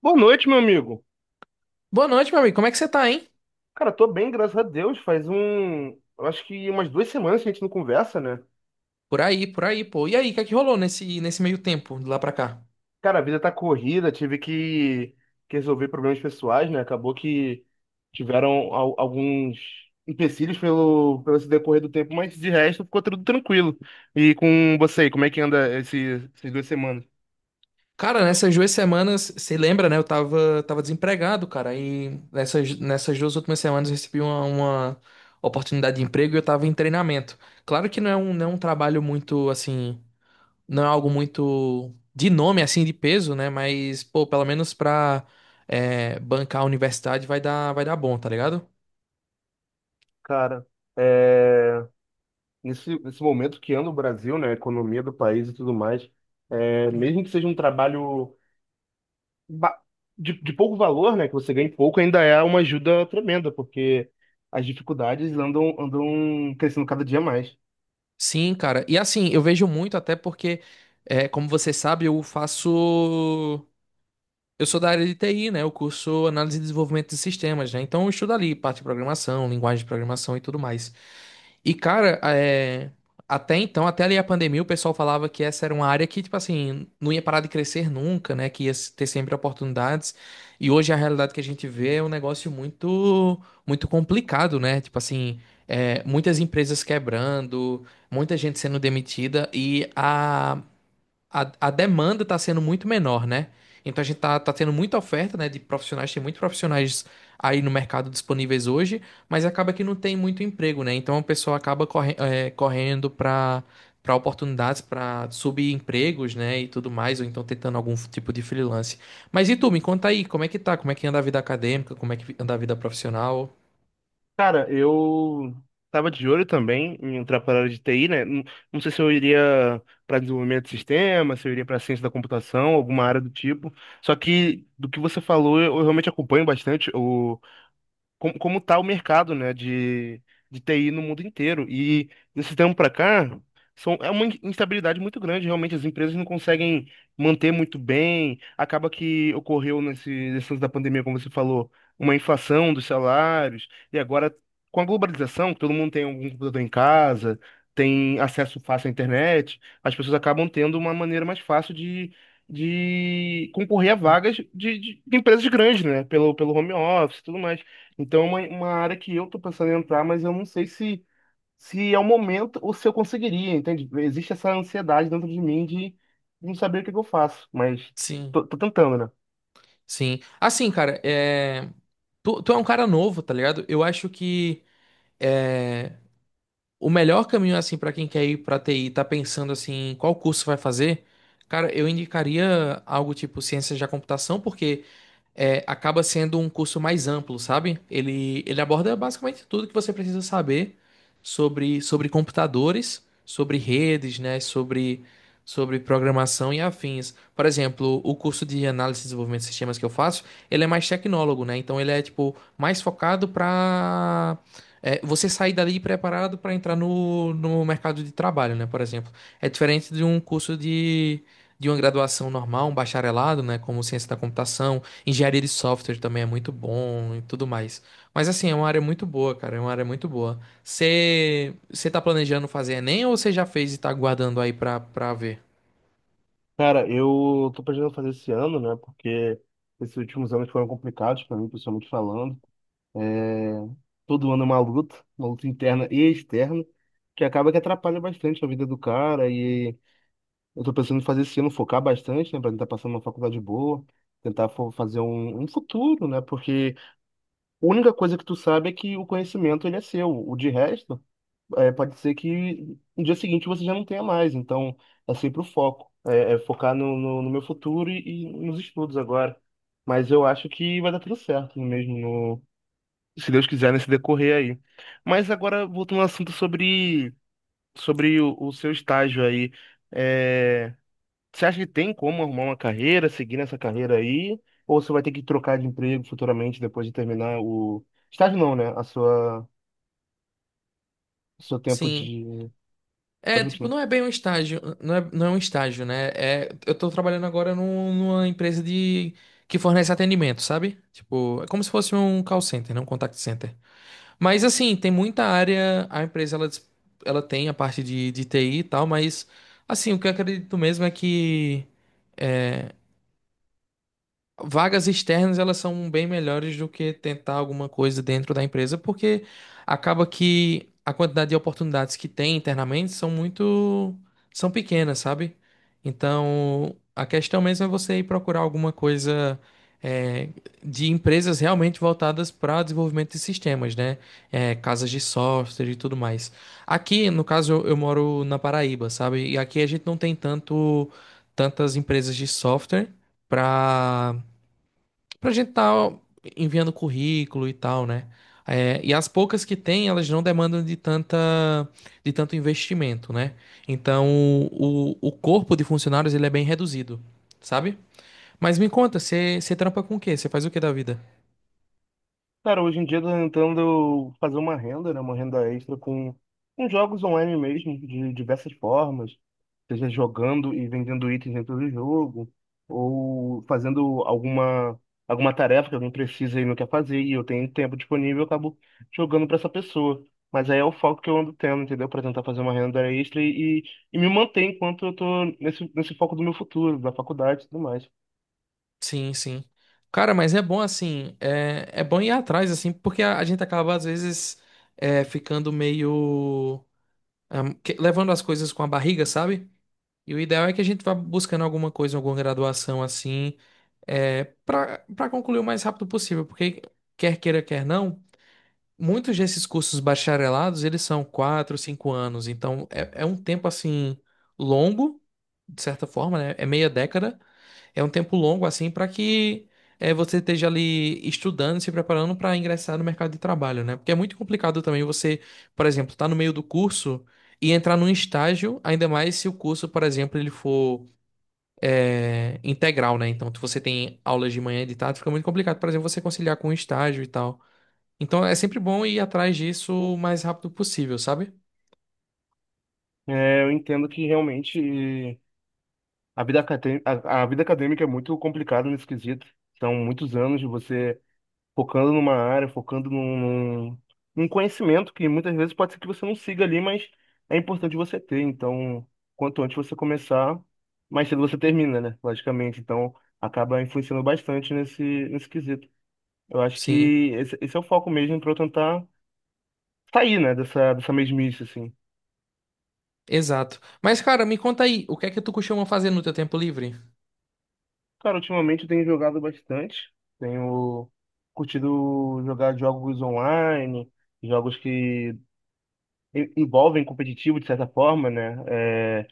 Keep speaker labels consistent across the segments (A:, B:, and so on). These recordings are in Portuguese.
A: Boa noite, meu amigo.
B: Boa noite, meu amigo. Como é que você tá, hein?
A: Cara, tô bem, graças a Deus. Eu acho que umas duas semanas que a gente não conversa, né?
B: Por aí, pô. E aí, o que é que rolou nesse meio tempo, de lá pra cá?
A: Cara, a vida tá corrida, que resolver problemas pessoais, né? Acabou que tiveram alguns empecilhos pelo esse decorrer do tempo, mas de resto ficou tudo tranquilo. E com você aí, como é que anda essas duas semanas?
B: Cara, nessas 2 semanas, você lembra, né? Eu tava desempregado, cara. E nessas 2 últimas semanas eu recebi uma oportunidade de emprego e eu tava em treinamento. Claro que não é um trabalho muito, assim, não é algo muito de nome, assim, de peso, né? Mas, pô, pelo menos pra bancar a universidade vai dar bom, tá ligado?
A: Cara, é, nesse momento que anda o Brasil, né? A economia do país e tudo mais, mesmo que seja um trabalho ba- de pouco valor, né, que você ganha em pouco, ainda é uma ajuda tremenda, porque as dificuldades andam crescendo cada dia mais.
B: Sim, cara. E assim, eu vejo muito até porque, como você sabe, eu faço. Eu sou da área de TI, né? Eu curso análise e desenvolvimento de sistemas, né? Então eu estudo ali parte de programação, linguagem de programação e tudo mais. E, cara, até então, até ali a pandemia, o pessoal falava que essa era uma área que, tipo assim, não ia parar de crescer nunca, né? Que ia ter sempre oportunidades. E hoje a realidade que a gente vê é um negócio muito, muito complicado, né? Tipo assim, muitas empresas quebrando, muita gente sendo demitida e a demanda está sendo muito menor, né? Então a gente tá tendo muita oferta, né, de profissionais, tem muitos profissionais aí no mercado disponíveis hoje, mas acaba que não tem muito emprego, né? Então a pessoa acaba correndo para oportunidades, para subempregos, né, e tudo mais, ou então tentando algum tipo de freelance. Mas e tu, me conta aí, como é que tá? Como é que anda a vida acadêmica? Como é que anda a vida profissional?
A: Cara, eu tava de olho também em entrar para a área de TI, né? Não, não sei se eu iria para desenvolvimento de sistema, se eu iria para ciência da computação, alguma área do tipo. Só que do que você falou, eu realmente acompanho bastante o como tá o mercado, né, de TI no mundo inteiro. E desse tempo para cá, é uma instabilidade muito grande, realmente as empresas não conseguem manter muito bem. Acaba que ocorreu nesse lance da pandemia, como você falou, uma inflação dos salários. E agora, com a globalização, que todo mundo tem algum computador em casa, tem acesso fácil à internet, as pessoas acabam tendo uma maneira mais fácil de concorrer a vagas de empresas grandes, né? Pelo home office e tudo mais. Então, é uma área que eu tô pensando em entrar, mas eu não sei se é o momento ou se eu conseguiria, entende? Existe essa ansiedade dentro de mim de não saber o que que eu faço, mas
B: Sim.
A: tô tentando, né?
B: Sim. Assim, cara, tu é um cara novo, tá ligado? Eu acho que. é, O melhor caminho, assim, para quem quer ir pra TI, tá pensando, assim, qual curso vai fazer, cara, eu indicaria algo tipo ciências da computação, porque acaba sendo um curso mais amplo, sabe? Ele aborda basicamente tudo que você precisa saber sobre computadores, sobre redes, né? Sobre programação e afins. Por exemplo, o curso de análise e desenvolvimento de sistemas que eu faço, ele é mais tecnólogo, né? Então ele é tipo mais focado para você sair dali preparado para entrar no mercado de trabalho, né? Por exemplo, é diferente de um curso de uma graduação normal, um bacharelado, né, como ciência da computação. Engenharia de software também é muito bom e tudo mais. Mas assim, é uma área muito boa, cara. É uma área muito boa. Você tá planejando fazer Enem ou você já fez e tá aguardando aí pra ver?
A: Cara, eu tô planejando fazer esse ano, né? Porque esses últimos anos foram complicados pra mim, pessoalmente falando. É, Todo ano é uma luta interna e externa, que acaba que atrapalha bastante a vida do cara. E eu tô pensando em fazer esse ano, focar bastante, né? Pra tentar passar numa faculdade boa, tentar fazer um futuro, né? Porque a única coisa que tu sabe é que o conhecimento ele é seu. O de resto, é, pode ser que no dia seguinte você já não tenha mais. Então, é sempre o foco. É focar no meu futuro e nos estudos agora. Mas eu acho que vai dar tudo certo mesmo, se Deus quiser, nesse decorrer aí. Mas agora, voltando ao assunto sobre o seu estágio aí. É, você acha que tem como arrumar uma carreira, seguir nessa carreira aí? Ou você vai ter que trocar de emprego futuramente depois de terminar o estágio, não, né? A sua, o seu tempo
B: Sim.
A: de. Pode
B: É, tipo,
A: continuar.
B: não é bem um estágio. Não é um estágio, né? É, eu tô trabalhando agora numa empresa de que fornece atendimento, sabe? Tipo, é como se fosse um call center, né? Um contact center. Mas assim, tem muita área, a empresa ela tem a parte de TI e tal, mas assim, o que eu acredito mesmo é que é, vagas externas, elas são bem melhores do que tentar alguma coisa dentro da empresa, porque acaba que a quantidade de oportunidades que tem internamente são pequenas, sabe? Então, a questão mesmo é você ir procurar alguma coisa é, de empresas realmente voltadas para desenvolvimento de sistemas, né? É, casas de software e tudo mais. Aqui, no caso, eu moro na Paraíba, sabe? E aqui a gente não tem tantas empresas de software para pra gente estar enviando currículo e tal, né? É, e as poucas que tem, elas não demandam de tanto investimento, né? Então, o corpo de funcionários, ele é bem reduzido, sabe? Mas me conta, você trampa com o quê? Você faz o que da vida?
A: Cara, hoje em dia eu tô tentando fazer uma renda, né? Uma renda extra com jogos online mesmo, de diversas formas. Seja jogando e vendendo itens dentro do jogo, ou fazendo alguma tarefa que alguém precisa e não quer fazer, e eu tenho tempo disponível, eu acabo jogando para essa pessoa. Mas aí é o foco que eu ando tendo, entendeu? Para tentar fazer uma renda extra e me manter enquanto eu tô nesse foco do meu futuro, da faculdade e tudo mais.
B: Sim, sim. Cara, mas é bom assim, é bom ir atrás, assim, porque a gente acaba, às vezes, ficando meio. Ah, levando as coisas com a barriga, sabe? E o ideal é que a gente vá buscando alguma coisa, alguma graduação, assim, para concluir o mais rápido possível, porque quer queira, quer não, muitos desses cursos bacharelados, eles são 4, 5 anos, então é um tempo assim longo, de certa forma, né? É meia década, é um tempo longo assim para que você esteja ali estudando, se preparando para ingressar no mercado de trabalho, né? Porque é muito complicado também você, por exemplo, estar no meio do curso e entrar num estágio, ainda mais se o curso, por exemplo, ele for integral, né? Então, se você tem aulas de manhã e de tarde, fica muito complicado, por exemplo, você conciliar com o estágio e tal. Então, é sempre bom ir atrás disso o mais rápido possível, sabe?
A: É, eu entendo que realmente a vida a vida acadêmica é muito complicada nesse quesito. São muitos anos de você focando numa área, focando num conhecimento que muitas vezes pode ser que você não siga ali, mas é importante você ter. Então, quanto antes você começar, mais cedo você termina, né? Logicamente. Então, acaba influenciando bastante nesse quesito. Eu acho
B: Sim,
A: que esse é o foco mesmo para eu tentar sair, né, dessa mesmice, assim.
B: exato. Mas, cara, me conta aí, o que é que tu costuma fazer no teu tempo livre?
A: Cara, ultimamente eu tenho jogado bastante. Tenho curtido jogar jogos online, jogos que envolvem competitivo de certa forma, né? É,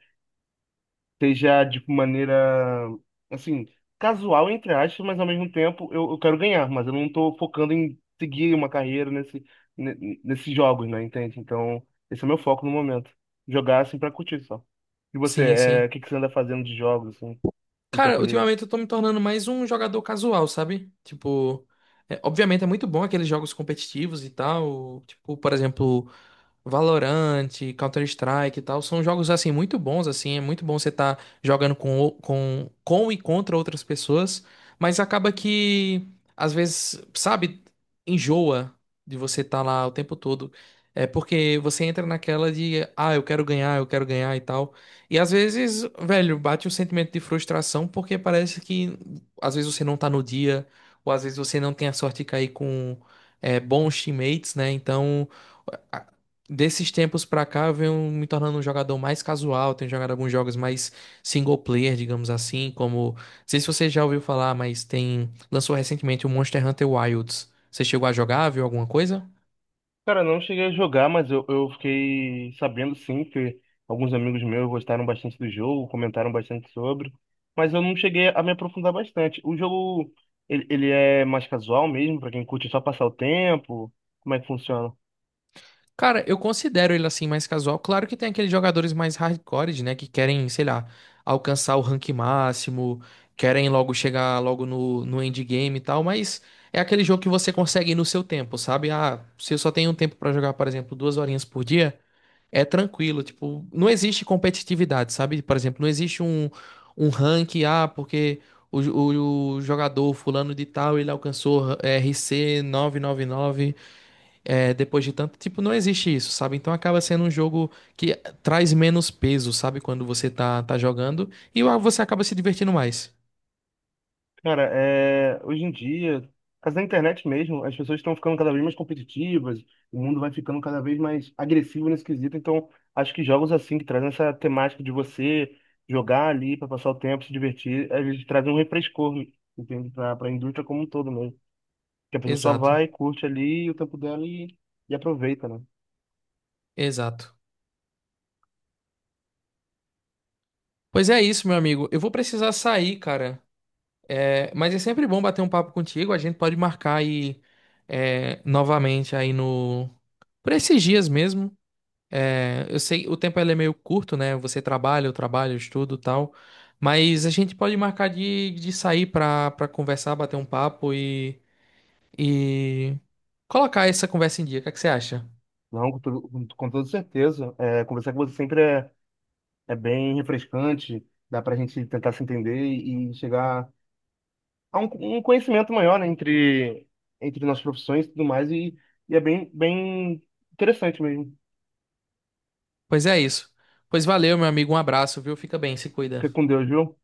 A: seja de maneira, assim, casual, entre aspas, mas ao mesmo tempo eu quero ganhar, mas eu não tô focando em seguir uma carreira nesses jogos, né? Entende? Então, esse é o meu foco no momento. Jogar, assim, pra curtir só. E você,
B: Sim,
A: é, o
B: sim.
A: que que você anda fazendo de jogos, assim, no
B: Cara,
A: tempo livre?
B: ultimamente eu tô me tornando mais um jogador casual, sabe? Tipo, obviamente é muito bom aqueles jogos competitivos e tal. Tipo, por exemplo, Valorant, Counter-Strike e tal, são jogos assim muito bons assim, é muito bom você estar jogando com, o- com com e contra outras pessoas, mas acaba que às vezes, sabe, enjoa de você estar lá o tempo todo. É porque você entra naquela de, ah, eu quero ganhar e tal. E às vezes, velho, bate um sentimento de frustração porque parece que às vezes você não tá no dia, ou às vezes você não tem a sorte de cair com bons teammates, né? Então, desses tempos pra cá, eu venho me tornando um jogador mais casual. Tenho jogado alguns jogos mais single player, digamos assim, como. Não sei se você já ouviu falar, mas tem. Lançou recentemente o Monster Hunter Wilds. Você chegou a jogar, viu alguma coisa?
A: Cara, não cheguei a jogar, mas eu fiquei sabendo sim, que alguns amigos meus gostaram bastante do jogo, comentaram bastante sobre, mas eu não cheguei a me aprofundar bastante. O jogo, ele é mais casual mesmo, pra quem curte só passar o tempo? Como é que funciona?
B: Cara, eu considero ele assim mais casual. Claro que tem aqueles jogadores mais hardcore, né? Que querem, sei lá, alcançar o rank máximo, querem logo chegar logo no endgame e tal, mas. É aquele jogo que você consegue ir no seu tempo, sabe? Ah, se eu só tenho um tempo pra jogar, por exemplo, 2 horinhas por dia. É tranquilo, tipo, não existe competitividade, sabe? Por exemplo, não existe um ranking, ah, porque o jogador fulano de tal, ele alcançou RC 999, depois de tanto, tipo, não existe isso, sabe? Então acaba sendo um jogo que traz menos peso, sabe? Quando você tá jogando e você acaba se divertindo mais.
A: Cara, é, hoje em dia, mas na internet mesmo, as pessoas estão ficando cada vez mais competitivas, o mundo vai ficando cada vez mais agressivo nesse quesito, então acho que jogos assim, que trazem essa temática de você jogar ali para passar o tempo, se divertir, eles trazem um refrescor, entende? Para a indústria como um todo mesmo. Que a pessoa só
B: Exato,
A: vai, curte ali o tempo dela e aproveita, né?
B: exato. Pois é isso, meu amigo. Eu vou precisar sair, cara. É, mas é sempre bom bater um papo contigo. A gente pode marcar aí novamente aí no por esses dias mesmo. É, eu sei o tempo ele é meio curto, né? Você trabalha, eu trabalho, eu estudo, e tal. Mas a gente pode marcar de sair pra conversar, bater um papo e colocar essa conversa em dia. O que é que você acha?
A: Não, com toda certeza. É, conversar com você sempre é, é bem refrescante, dá pra gente tentar se entender e chegar há um conhecimento maior, né, entre nossas profissões e tudo mais, e é bem, bem interessante mesmo.
B: Pois é isso. Pois valeu, meu amigo. Um abraço, viu? Fica bem, se
A: Fica
B: cuida.
A: com Deus, viu?